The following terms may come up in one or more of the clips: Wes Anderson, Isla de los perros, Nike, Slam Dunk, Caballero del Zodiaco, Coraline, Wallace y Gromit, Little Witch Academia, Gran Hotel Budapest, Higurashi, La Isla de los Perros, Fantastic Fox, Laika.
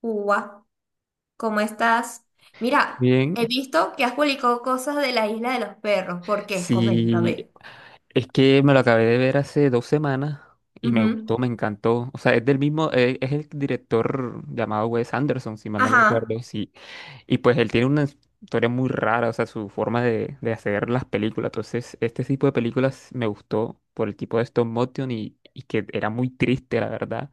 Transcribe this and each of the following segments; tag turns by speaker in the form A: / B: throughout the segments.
A: Uva, ¿cómo estás? Mira,
B: Bien,
A: he visto que has publicado cosas de la isla de los perros. ¿Por qué? Coméntame.
B: sí, es que me lo acabé de ver hace dos semanas y me
A: Ujú.
B: gustó, me encantó. O sea, es del mismo, es el director llamado Wes Anderson, si mal no lo
A: Ajá.
B: recuerdo. Sí, y pues él tiene una historia muy rara, o sea, su forma de hacer las películas. Entonces, este tipo de películas me gustó por el tipo de stop motion y que era muy triste, la verdad.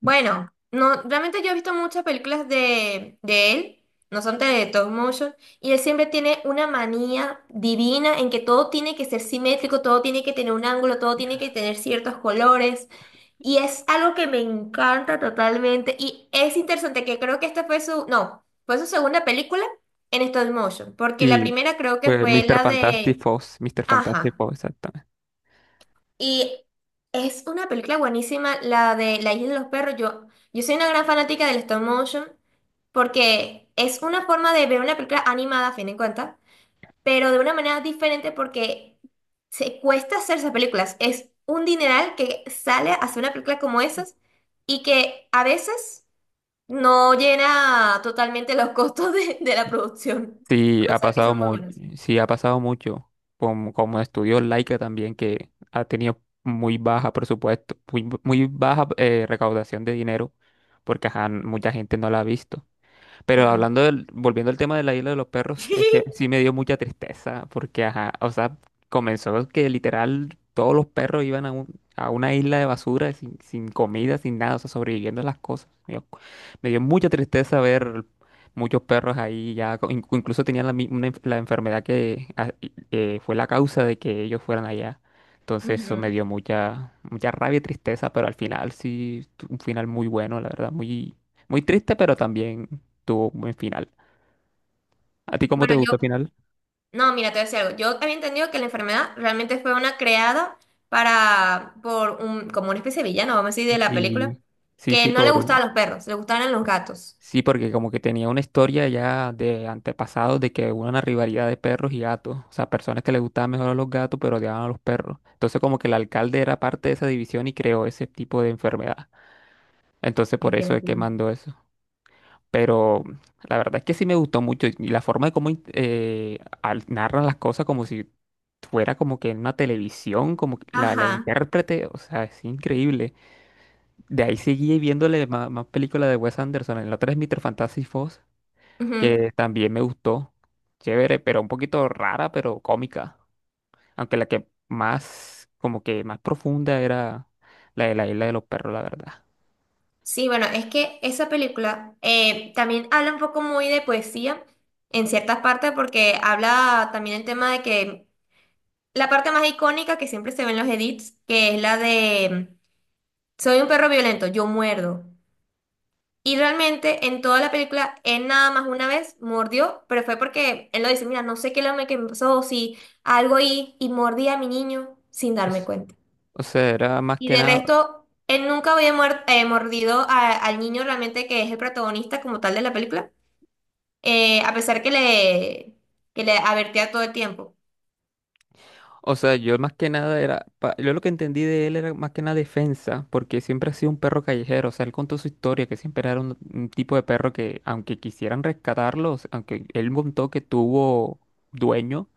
A: Bueno, no, realmente yo he visto muchas películas de él, no son de Tom motion, y él siempre tiene una manía divina en que todo tiene que ser simétrico, todo tiene que tener un ángulo, todo tiene que tener ciertos colores. Y es algo que me encanta totalmente. Y es interesante que creo que esta fue su, no, fue su segunda película en stop motion, porque la
B: Sí,
A: primera creo que
B: pues
A: fue
B: Mr.
A: la
B: Fantastic
A: de,
B: Fox, Mr. Fantastic
A: ajá.
B: Fox.
A: Y es una película buenísima, la de La Isla de los Perros. Yo soy una gran fanática del stop motion, porque es una forma de ver una película animada, a fin de cuentas, pero de una manera diferente porque se cuesta hacer esas películas. Es un dineral que sale a hacer una película como esas y que a veces no llena totalmente los costos de la producción, a
B: Sí, ha
A: pesar que
B: pasado
A: son muy
B: muy,
A: buenas.
B: sí, ha pasado mucho. Como estudió Laika también, que ha tenido muy baja presupuesto, muy, muy baja recaudación de dinero, porque ajá, mucha gente no la ha visto. Pero
A: Mm.
B: volviendo al tema de la isla de los perros, es que sí me dio mucha tristeza porque, ajá, o sea, comenzó que literal todos los perros iban a una isla de basura , sin comida, sin nada, o sea, sobreviviendo a las cosas. Me dio mucha tristeza ver muchos perros ahí ya, incluso tenían la enfermedad que fue la causa de que ellos fueran allá. Entonces eso
A: Ujú.
B: me dio mucha, mucha rabia y tristeza, pero al final sí, un final muy bueno, la verdad, muy, muy triste, pero también tuvo un buen final. ¿A ti cómo te
A: Bueno, yo,
B: gusta el final?
A: no, mira, te voy a decir algo. Yo había entendido que la enfermedad realmente fue una creada para, por un, como una especie de villano, vamos a decir, de la película,
B: Sí, sí,
A: que
B: sí,
A: no le gustaban los perros, le gustaban los gatos.
B: porque como que tenía una historia ya de antepasados de que hubo una rivalidad de perros y gatos, o sea, personas que les gustaban mejor a los gatos pero odiaban a los perros. Entonces como que el alcalde era parte de esa división y creó ese tipo de enfermedad. Entonces por
A: Ay, qué
B: eso es que
A: locura.
B: mandó eso. Pero la verdad es que sí me gustó mucho y la forma de cómo narran las cosas como si fuera como que en una televisión, como que la
A: Ajá.
B: intérprete, o sea, es increíble. De ahí seguí viéndole más películas de Wes Anderson. En la otra es Mr. Fantastic Fox,
A: Ujú.
B: que también me gustó. Chévere, pero un poquito rara, pero cómica. Aunque la que más, como que más profunda era la de la isla de los perros, la verdad.
A: Sí, bueno, es que esa película también habla un poco muy de poesía en ciertas partes porque habla también el tema de que la parte más icónica que siempre se ve en los edits, que es la de soy un perro violento, yo muerdo. Y realmente en toda la película él nada más una vez mordió, pero fue porque él lo dice, mira, no sé qué es lo que me pasó, si algo y mordí a mi niño sin darme
B: Es-
A: cuenta.
B: O sea, era más
A: Y
B: que
A: de
B: nada,
A: resto, él nunca había mordido al niño realmente que es el protagonista como tal de la película, a pesar que le advertía todo el tiempo.
B: o sea, yo más que nada era, yo lo que entendí de él era más que nada defensa, porque siempre ha sido un perro callejero, o sea, él contó su historia, que siempre era un tipo de perro que aunque quisieran rescatarlos, aunque él contó que tuvo dueño,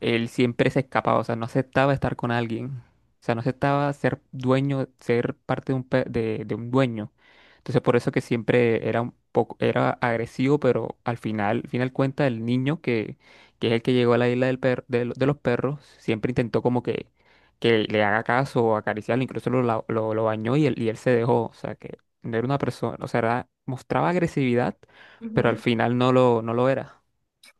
B: él siempre se escapaba, o sea, no aceptaba estar con alguien, o sea, no aceptaba ser dueño, ser parte de un, de un dueño. Entonces, por eso que siempre era un poco, era agresivo, pero al final cuenta, el niño que es el que llegó a la isla del per- de, lo- de los perros, siempre intentó como que le haga caso o acariciarlo, incluso lo bañó y él se dejó, o sea, que no era una persona, o sea, mostraba agresividad, pero al
A: Ujú.
B: final no lo era.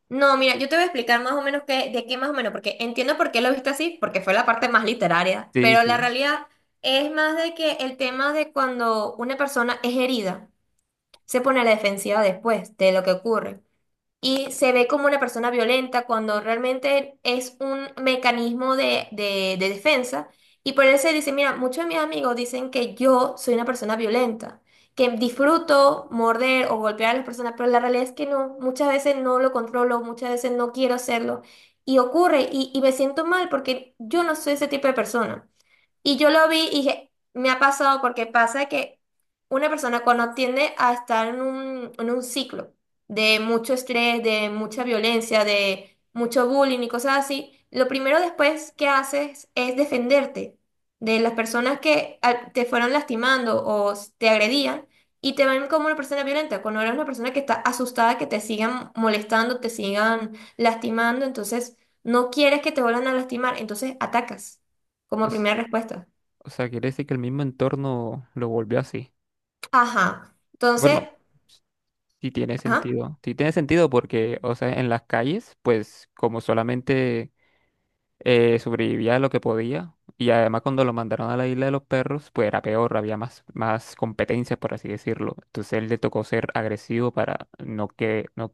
A: No, mira, yo te voy a explicar más o menos qué, de qué más o menos, porque entiendo por qué lo viste así, porque fue la parte más literaria,
B: Sí,
A: pero la
B: sí.
A: realidad es más de que el tema de cuando una persona es herida, se pone a la defensiva después de lo que ocurre. Y se ve como una persona violenta cuando realmente es un mecanismo de, de defensa. Y por eso dice, mira, muchos de mis amigos dicen que yo soy una persona violenta, que disfruto morder o golpear a las personas, pero la realidad es que no, muchas veces no lo controlo, muchas veces no quiero hacerlo. Y ocurre, y me siento mal porque yo no soy ese tipo de persona. Y yo lo vi y dije, me ha pasado porque pasa que una persona cuando tiende a estar en un ciclo de mucho estrés, de mucha violencia, de mucho bullying y cosas así, lo primero después que haces es defenderte de las personas que te fueron lastimando o te agredían y te ven como una persona violenta, cuando eres una persona que está asustada que te sigan molestando, te sigan lastimando, entonces no quieres que te vuelvan a lastimar, entonces atacas como primera respuesta.
B: O sea, quiere decir que el mismo entorno lo volvió así.
A: Ajá. Entonces,
B: Bueno, sí tiene
A: ajá,
B: sentido. Sí tiene sentido porque, o sea, en las calles, pues como solamente sobrevivía lo que podía, y además cuando lo mandaron a la isla de los perros, pues era peor, había más competencia, por así decirlo. Entonces él le tocó ser agresivo para no que, no,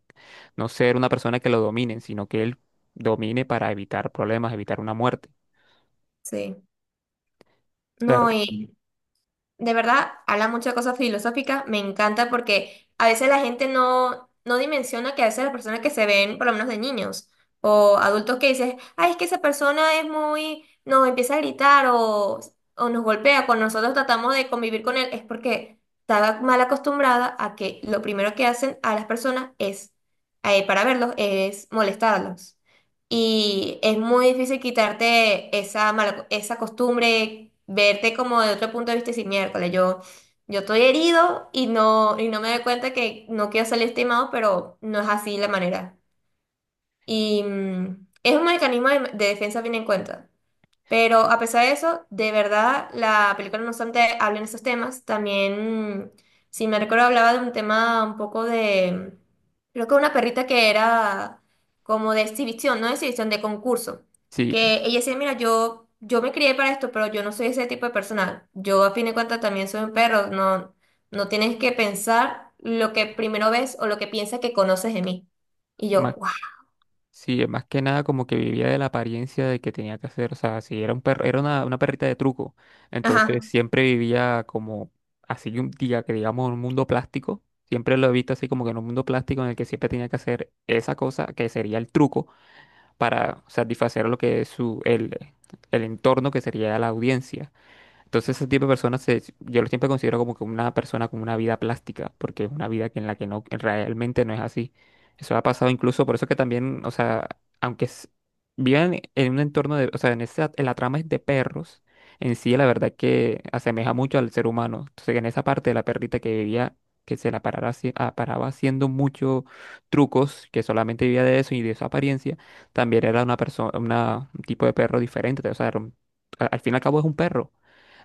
B: no ser una persona que lo dominen, sino que él domine para evitar problemas, evitar una muerte.
A: sí.
B: Claro,
A: No, y de verdad habla muchas cosas filosóficas. Me encanta porque a veces la gente no, no dimensiona que a veces las personas que se ven, por lo menos de niños o adultos que dices, ay, es que esa persona es muy, nos empieza a gritar o nos golpea cuando nosotros tratamos de convivir con él, es porque estaba mal acostumbrada a que lo primero que hacen a las personas es, para verlos, es molestarlos. Y es muy difícil quitarte esa mala, esa costumbre, verte como de otro punto de vista y decir, miércoles, yo estoy herido y no me doy cuenta que no quiero salir estimado, pero no es así la manera. Y es un mecanismo de defensa bien en cuenta. Pero a pesar de eso, de verdad, la película no obstante habla en esos temas. También, si me recuerdo, hablaba de un tema un poco de, creo que una perrita que era como de exhibición, no de exhibición, de concurso.
B: sí,
A: Que ella decía, mira, yo me crié para esto, pero yo no soy ese tipo de persona. Yo a fin de cuentas también soy un perro. No, no tienes que pensar lo que primero ves o lo que piensas que conoces de mí. Y yo,
B: más
A: wow.
B: Sí, más que nada como que vivía de la apariencia de que tenía que hacer, o sea, si era un perro, era una perrita de truco, entonces
A: Ajá.
B: siempre vivía como así un día que digamos en un mundo plástico, siempre lo he visto así como que en un mundo plástico en el que siempre tenía que hacer esa cosa que sería el truco para satisfacer lo que es el entorno que sería la audiencia. Entonces ese tipo de personas yo lo siempre considero como que una persona con una vida plástica, porque es una vida que en la que no que realmente no es así. Eso ha pasado incluso, por eso que también, o sea, aunque vivan en un entorno de, o sea, en esa, en la trama es de perros, en sí la verdad que asemeja mucho al ser humano. Entonces en esa parte de la perrita que vivía, que se la parara, haci- ah, paraba haciendo muchos trucos, que solamente vivía de eso y de su apariencia, también era una persona, un tipo de perro diferente. O sea, era al fin y al cabo es un perro.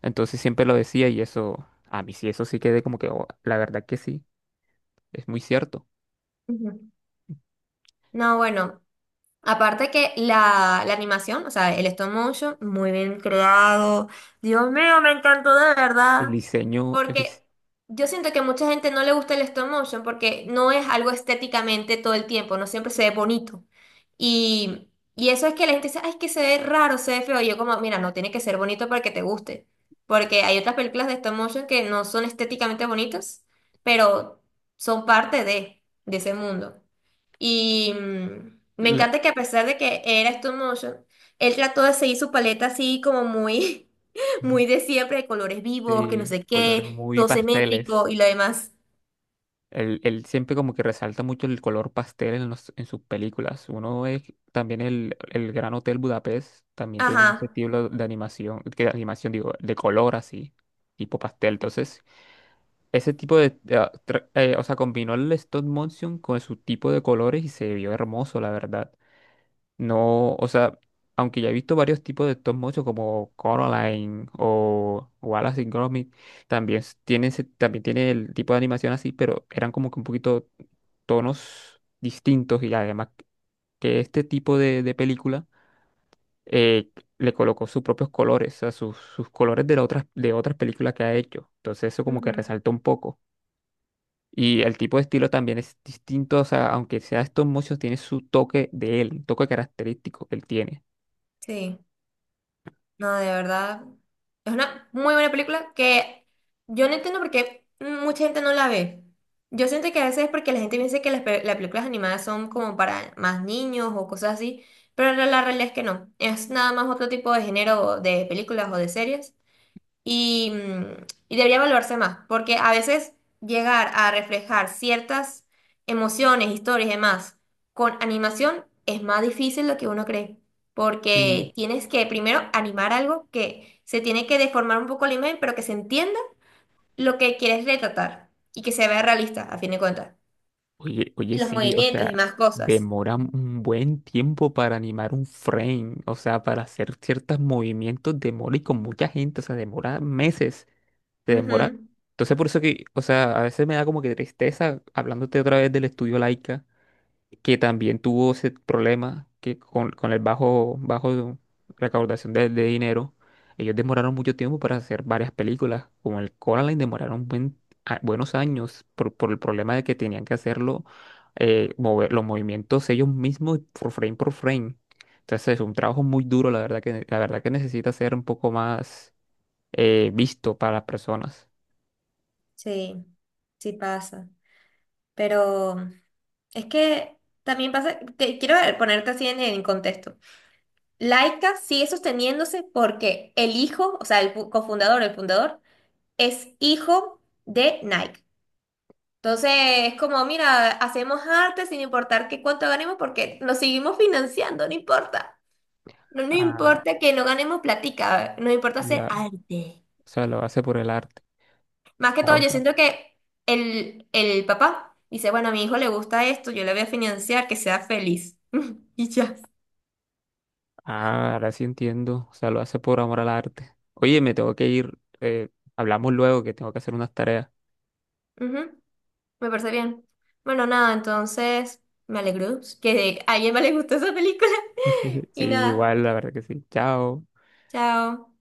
B: Entonces siempre lo decía y eso, a mí sí, eso sí quedé como que, "Oh, la verdad que sí, es muy cierto."
A: Ujú. No, bueno, aparte que la animación, o sea, el stop motion, muy bien creado. Dios mío, me encantó de
B: El
A: verdad.
B: diseño,
A: Porque yo siento que mucha gente no le gusta el stop motion porque no es algo estéticamente todo el tiempo, no siempre se ve bonito. Y, y eso es que la gente dice, ay, es que se ve raro, se ve feo. Y yo como, mira, no tiene que ser bonito para que te guste. Porque hay otras películas de stop motion que no son estéticamente bonitas, pero son parte de ese mundo. Y me
B: la,
A: encanta que a pesar de que era stop motion, él trató de seguir su paleta así como muy,
B: Ujú.
A: muy de siempre, de colores vivos, que no
B: Sí,
A: sé
B: colores
A: qué,
B: muy
A: todo simétrico
B: pasteles.
A: y lo demás.
B: Él siempre como que resalta mucho el color pastel en sus películas. Uno es también el Gran Hotel Budapest, también tiene ese
A: Ajá.
B: estilo de animación, que de animación digo, de color así, tipo pastel. Entonces, ese tipo de, o sea, combinó el stop motion con su tipo de colores y se vio hermoso, la verdad. No, o sea, aunque ya he visto varios tipos de stop motion como Coraline o Wallace y Gromit, también también tiene el tipo de animación así, pero eran como que un poquito tonos distintos y además que este tipo de película eh, le colocó sus propios colores, o sea, sus colores de otras películas que ha hecho. Entonces eso como que
A: Ujú.
B: resalta un poco. Y el tipo de estilo también es distinto, o sea, aunque sea stop motion, tiene su toque de él, un toque característico que él tiene.
A: Sí. No, de verdad. Es una muy buena película que yo no entiendo por qué mucha gente no la ve. Yo siento que a veces es porque la gente piensa que las, las películas animadas son como para más niños o cosas así, pero la realidad es que no. Es nada más otro tipo de género de películas o de series y, y debería evaluarse más, porque a veces llegar a reflejar ciertas emociones, historias y demás con animación es más difícil de lo que uno cree, porque tienes que primero animar algo que se tiene que deformar un poco la imagen, pero que se entienda lo que quieres retratar y que se vea realista, a fin de cuentas.
B: Oye, oye,
A: Los
B: sí, o
A: movimientos y
B: sea,
A: más cosas.
B: demora un buen tiempo para animar un frame, o sea, para hacer ciertos movimientos demora y con mucha gente, o sea, demora meses, se demora.
A: Ujú.
B: Entonces, por eso que, o sea, a veces me da como que tristeza hablándote otra vez del estudio Laika que también tuvo ese problema que con el bajo recaudación de dinero, ellos demoraron mucho tiempo para hacer varias películas, como el Coraline demoraron buenos años por el problema de que tenían que hacerlo, mover los movimientos ellos mismos por frame por frame. Entonces es un trabajo muy duro, la verdad que necesita ser un poco más visto para las personas.
A: Sí, sí pasa. Pero es que también pasa, te quiero ponerte así en contexto. Laika sigue sosteniéndose porque el hijo, o sea, el cofundador, el fundador, es hijo de Nike. Entonces, es como, mira, hacemos arte sin importar qué cuánto ganemos porque nos seguimos financiando, no importa. No nos
B: Ah,
A: importa que no ganemos platica, nos importa hacer
B: ya,
A: arte.
B: o sea, lo hace por el arte.
A: Más que todo, yo siento que el papá dice, bueno, a mi hijo le gusta esto, yo le voy a financiar, que sea feliz. Y ya.
B: Ah, ahora sí entiendo. O sea, lo hace por amor al arte. Oye, me tengo que ir. Hablamos luego que tengo que hacer unas tareas.
A: Ujú. Me parece bien. Bueno, nada, entonces me alegro que a alguien más le gustó esa película.
B: Sí,
A: Y nada,
B: igual, la verdad que sí. Chao.
A: chao.